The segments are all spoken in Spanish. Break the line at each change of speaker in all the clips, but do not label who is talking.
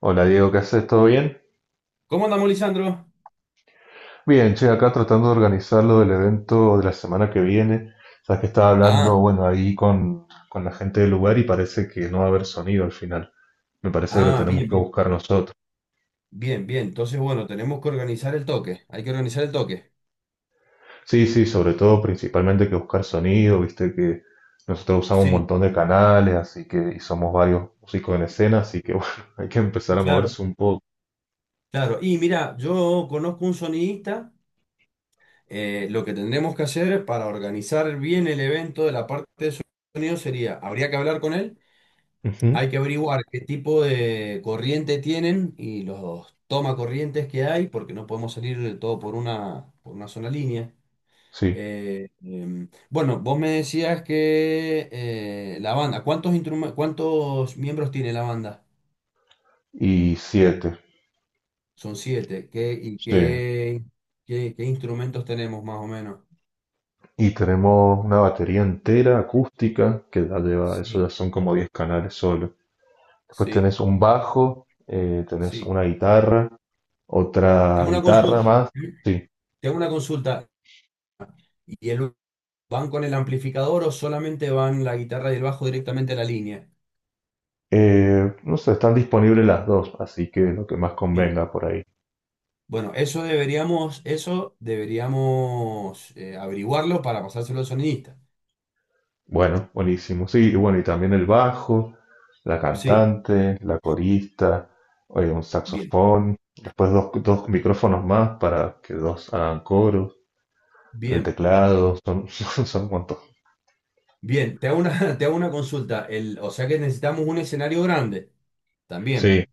Hola Diego, ¿qué haces? ¿Todo bien?
¿Cómo andamos, Lisandro?
Bien, che, acá tratando de organizar lo del evento de la semana que viene. Sabes que estaba hablando,
Ah,
bueno, ahí con la gente del lugar y parece que no va a haber sonido al final. Me parece que lo
ah,
tenemos
bien,
que
bien,
buscar nosotros.
bien, bien. Entonces, bueno, tenemos que organizar el toque. Hay que organizar el toque.
Sí, sí, sobre todo, principalmente que buscar sonido, viste que nosotros usamos un
Sí,
montón de canales, así que, y somos varios músicos en escena, así que bueno, hay que empezar a
claro,
moverse un poco.
claro. Y mira, yo conozco un sonidista. Lo que tendremos que hacer para organizar bien el evento de la parte de sonido sería, habría que hablar con él.
Ujú.
Hay que averiguar qué tipo de corriente tienen y los toma corrientes que hay, porque no podemos salir de todo por una sola línea.
Sí,
Bueno, vos me decías que la banda, cuántos miembros tiene la banda?
y siete.
Son siete. ¿Qué, y
Sí,
qué, qué, qué instrumentos tenemos más o menos?
y tenemos una batería entera acústica, que ya lleva, eso
Sí,
ya son como 10 canales solo. Después
sí,
tenés un bajo, tenés
sí.
una guitarra, otra
Tengo una
guitarra
consulta.
más,
¿Eh?
sí.
Tengo una consulta. ¿Y van con el amplificador o solamente van la guitarra y el bajo directamente a la línea?
No sé, están disponibles las dos, así que lo que más
Bien.
convenga por ahí.
Bueno, eso deberíamos averiguarlo para pasárselo al sonidista.
Bueno, buenísimo. Sí, y bueno, y también el bajo, la
Sí,
cantante, la corista, un
bien,
saxofón, después dos micrófonos más para que dos hagan coros, el
bien.
teclado, son, son
Bien, te hago una consulta. O sea que necesitamos un escenario grande también.
Sí,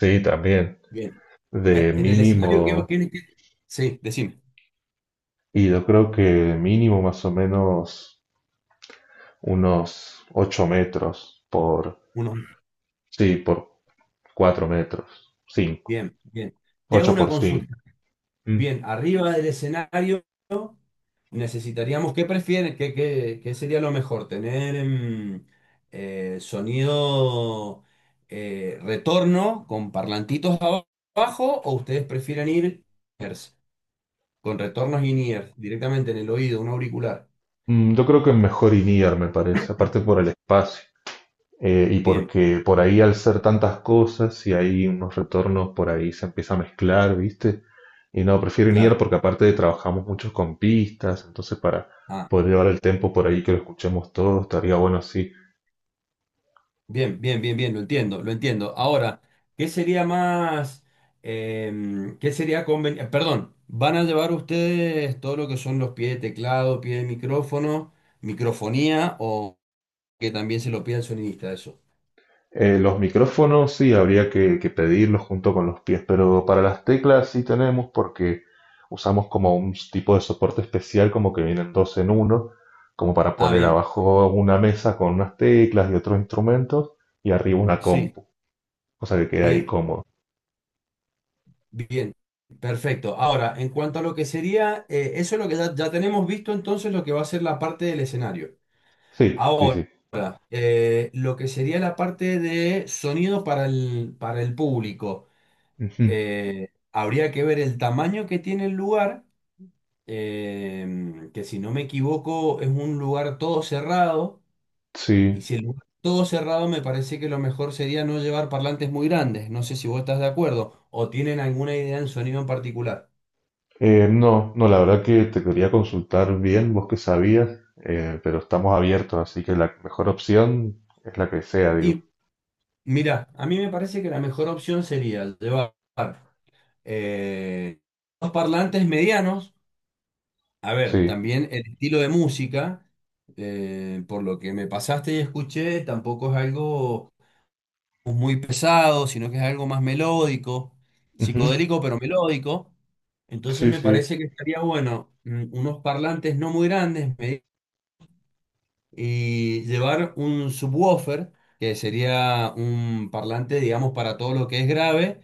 sí, también.
Bien. En,
De
en el escenario que
mínimo,
tienes que... Sí, decime.
y yo creo que mínimo más o menos unos 8 metros por,
Uno.
sí, por 4 metros, 5,
Bien, bien. Te hago
8
una
por 5.
consulta.
Mm,
Bien, arriba del escenario necesitaríamos, ¿qué prefieres? ¿Qué sería lo mejor? ¿Tener sonido retorno con parlantitos abajo o ustedes prefieren ir ears, con retornos in-ear directamente en el oído, un auricular?
yo creo que es mejor INIAR, me parece, aparte por el espacio. Y
Bien,
porque por ahí al ser tantas cosas y hay unos retornos por ahí se empieza a mezclar, ¿viste? Y no, prefiero ir
claro.
porque aparte trabajamos muchos con pistas, entonces para
Ah,
poder llevar el tempo por ahí que lo escuchemos todos, estaría bueno así.
bien, bien, bien, bien, lo entiendo, lo entiendo. Ahora, ¿qué sería más, qué sería conveniente? Perdón, ¿van a llevar ustedes todo lo que son los pies de teclado, pie de micrófono, microfonía o que también se lo pida el sonidista eso?
Los micrófonos sí habría que pedirlos junto con los pies, pero para las teclas sí tenemos porque usamos como un tipo de soporte especial, como que vienen dos en uno, como para
Ah,
poner
bien,
abajo una mesa con unas teclas y otros instrumentos y arriba una
sí,
compu. O sea que queda ahí
bien,
cómodo.
bien, perfecto. Ahora, en cuanto a lo que sería, eso es lo que ya tenemos visto entonces lo que va a ser la parte del escenario.
Sí, sí,
Ahora,
sí.
lo que sería la parte de sonido para el público.
Ujú.
Habría que ver el tamaño que tiene el lugar, que si no me equivoco es un lugar todo cerrado, y
Sí.
si el lugar es todo cerrado me parece que lo mejor sería no llevar parlantes muy grandes. No sé si vos estás de acuerdo o tienen alguna idea en sonido en particular.
No, no, la verdad que te quería consultar bien, vos que sabías, pero estamos abiertos, así que la mejor opción es la que sea, digo.
Y mira, a mí me parece que la mejor opción sería llevar eh, dos parlantes medianos. A ver,
Sí.
también el estilo de música, por lo que me pasaste y escuché, tampoco es algo muy pesado, sino que es algo más melódico,
Ujú.
psicodélico pero melódico. Entonces
Sí,
me
sí.
parece que estaría bueno, unos parlantes no muy grandes, y llevar un subwoofer, que sería un parlante, digamos, para todo lo que es grave.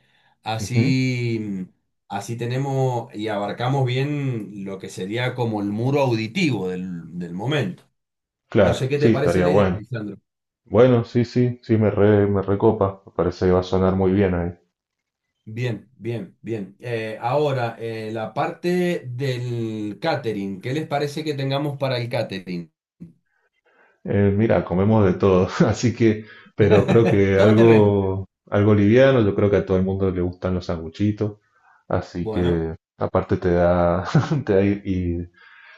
Ujú.
Así, así tenemos y abarcamos bien lo que sería como el muro auditivo del momento. No
Claro,
sé qué
sí,
te parece
estaría
la idea,
bueno.
Lisandro.
Bueno, sí, sí, sí, me recopa. Me parece que va a sonar muy bien ahí.
Bien, bien, bien. Ahora, la parte del catering. ¿Qué les parece que tengamos para el catering?
Mira, comemos de todo, así que, pero creo que
Todo terreno.
algo liviano, yo creo que a todo el mundo le gustan los sanguchitos, así
Bueno,
que aparte te da, te da y,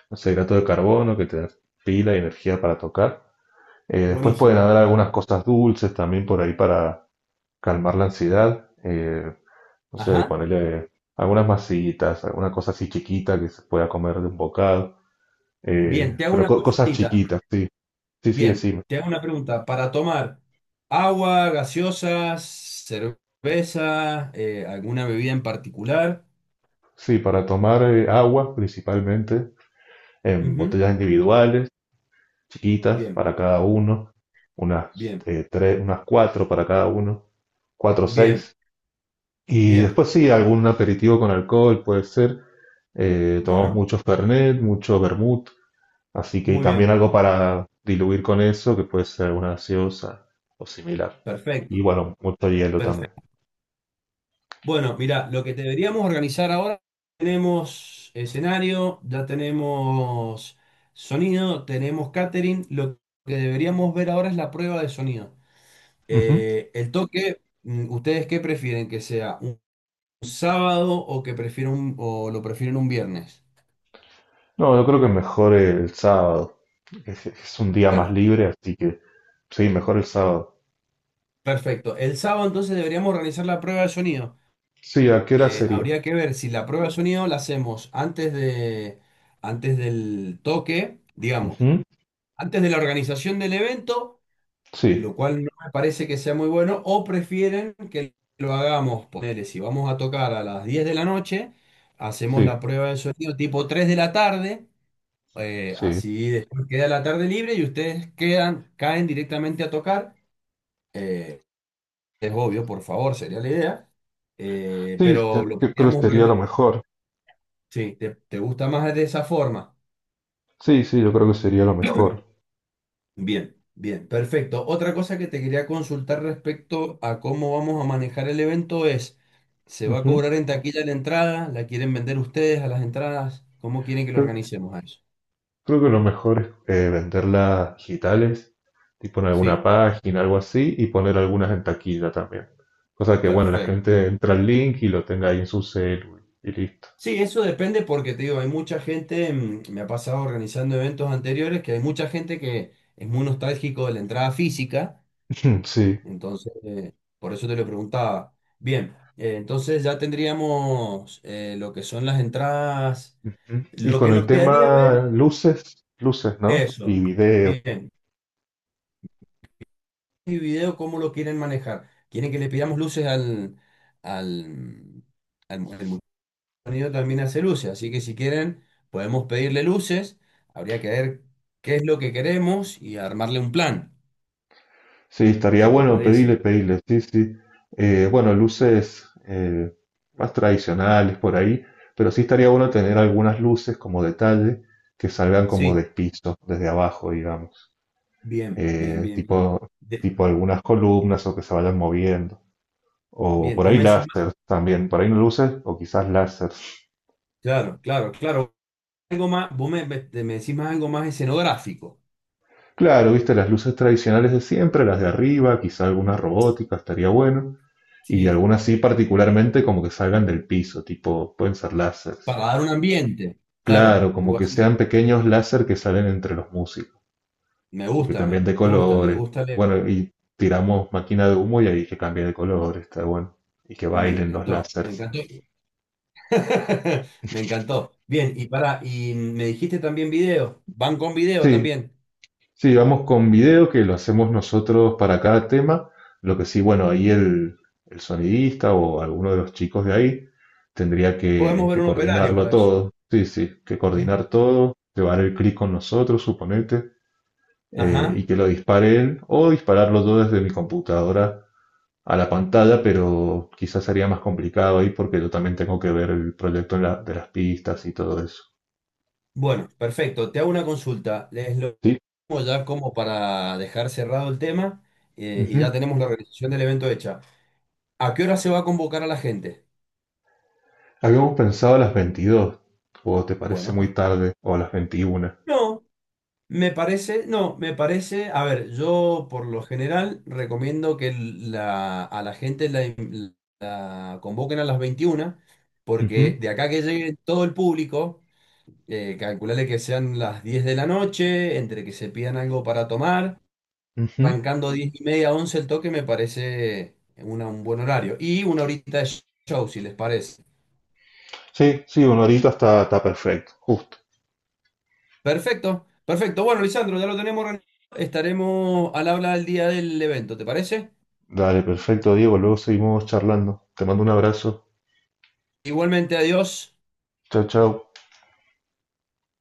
no sé, hidrato de carbono que te da pila y energía para tocar. Después pueden
buenísimo.
haber algunas cosas dulces también por ahí para calmar la ansiedad, no sé,
Ajá.
ponerle algunas masitas, alguna cosa así chiquita que se pueda comer de un bocado,
Bien, te hago
pero
una
cosas
consultita.
chiquitas, sí, sí, sí,
Bien,
sí,
te hago una pregunta. Para tomar agua, gaseosas, cerveza, alguna bebida en particular.
sí, para tomar agua principalmente en
Ujú.
botellas individuales, chiquitas
Bien,
para cada uno, unas
bien,
tres, unas cuatro para cada uno, cuatro o
bien,
seis. Y
bien.
después sí, algún aperitivo con alcohol puede ser. Tomamos
Bueno,
mucho Fernet, mucho vermut, así que y
muy
también
bien.
algo para diluir con eso, que puede ser alguna gaseosa o similar. Y
Perfecto,
bueno, mucho hielo también.
perfecto. Bueno, mira, lo que deberíamos organizar ahora, tenemos escenario, ya tenemos sonido, tenemos catering. Lo que deberíamos ver ahora es la prueba de sonido.
Ujú.
El toque, ¿ustedes qué prefieren? ¿Que sea un sábado o lo prefieren un viernes?
No, yo creo que mejor el sábado. Es un día más
Bueno,
libre, así que sí, mejor el sábado.
perfecto. El sábado entonces deberíamos organizar la prueba de sonido.
Sí, ¿a qué hora sería?
Habría que ver si la prueba de sonido la hacemos antes del toque, digamos,
Ujú.
antes de la organización del evento,
Sí,
lo cual no me parece que sea muy bueno, o prefieren que lo hagamos, ponele, si vamos a tocar a las 10 de la noche, hacemos
sí,
la prueba de sonido tipo 3 de la tarde.
sí.
Así después queda la tarde libre y ustedes quedan, caen directamente a tocar. Eh, es obvio, por favor, sería la idea.
Sí,
Pero lo
yo creo que
podríamos
sería lo
organizar.
mejor.
Sí, ¿te gusta más de esa forma?
Sí, sí, yo creo que sería lo mejor.
Bien, bien, perfecto. Otra cosa que te quería consultar respecto a cómo vamos a manejar el evento es, ¿se va a
Ujú.
cobrar en taquilla la entrada? ¿La quieren vender ustedes a las entradas? ¿Cómo quieren que lo
Creo,
organicemos a eso?
creo que lo mejor es venderlas digitales, tipo en alguna
Sí,
página, algo así, y poner algunas en taquilla también. Cosa que, bueno, la
perfecto.
gente entra al link y lo tenga ahí en su celu y listo.
Sí, eso depende porque te digo, hay mucha gente, me ha pasado organizando eventos anteriores, que hay mucha gente que es muy nostálgico de la entrada física,
Ujú. Sí.
entonces, por eso te lo preguntaba. Bien, entonces ya tendríamos lo que son las entradas,
Ujú. Y
lo que
con el
nos quedaría
tema
ver,
luces, luces, ¿no?
eso,
Y video.
bien, y video, ¿cómo lo quieren manejar? ¿Quieren que le pidamos luces? Al, el sonido también hace luces, así que si quieren podemos pedirle luces. Habría que ver qué es lo que queremos y armarle un plan,
Sí, estaría
si te
bueno pedirle,
parece.
pedirle, sí, sí. Bueno, luces más tradicionales por ahí, pero sí estaría bueno tener algunas luces como detalle que salgan como
Sí,
de piso, desde abajo, digamos.
bien, bien,
Eh,
bien, bien.
tipo,
De-
tipo algunas columnas o que se vayan moviendo. O
Bien,
por
vos
ahí
me decís más-
láser también, por ahí no luces o quizás láser.
claro, claro, claro, algo más, vos me decís más algo más escenográfico.
Claro, viste, las luces tradicionales de siempre, las de arriba, quizá alguna robótica, estaría bueno. Y
Sí,
algunas sí, particularmente como que salgan del piso, tipo, pueden ser láseres.
para dar un ambiente, claro,
Claro, como
algo
que
así.
sean pequeños láser que salen entre los músicos
Me
y que
gusta, me
cambien de
gusta, me
colores.
gusta leer.
Bueno, y tiramos máquina de humo y ahí que cambie de color, está bueno. Y que
Me
bailen los
encantó, me
láseres.
encantó. Me encantó. Bien, y me dijiste también video, van con video
Sí,
también.
sí, vamos con video que lo hacemos nosotros para cada tema. Lo que sí, bueno, ahí el sonidista o alguno de los chicos de ahí tendría
Podemos
que,
ver
que
un operario
coordinarlo
para eso.
todo. Sí, sí, que coordinar
Ujú.
todo, llevar el clic con nosotros, suponete, y
Ajá.
que lo dispare él, o dispararlo yo desde mi computadora a la pantalla, pero quizás sería más complicado ahí porque yo también tengo que ver el proyecto de las pistas y todo eso.
Bueno, perfecto. Te hago una consulta. Les lo
Sí.
pongo ya como para dejar cerrado el tema y ya
Ujú.
tenemos la organización del evento hecha. ¿A qué hora se va a convocar a la gente?
Habíamos pensado a las 22, o te parece
Bueno,
muy tarde, o a las 21.
no, no, me parece, a ver, yo por lo general recomiendo que a la gente la convoquen a las 21
Ujú,
porque de acá que llegue todo el público. Calculale que sean las 10 de la noche, entre que se pidan algo para tomar.
ujú.
Arrancando 10 y media, 11 el toque me parece un buen horario. Y una horita de show, si les parece.
Sí, sí, una horita está perfecto, justo.
Perfecto, perfecto. Bueno, Lisandro, ya lo tenemos organizado. Estaremos al habla el día del evento, ¿te parece?
Dale, perfecto, Diego. Luego seguimos charlando. Te mando un abrazo.
Igualmente, adiós.
Chao, chao.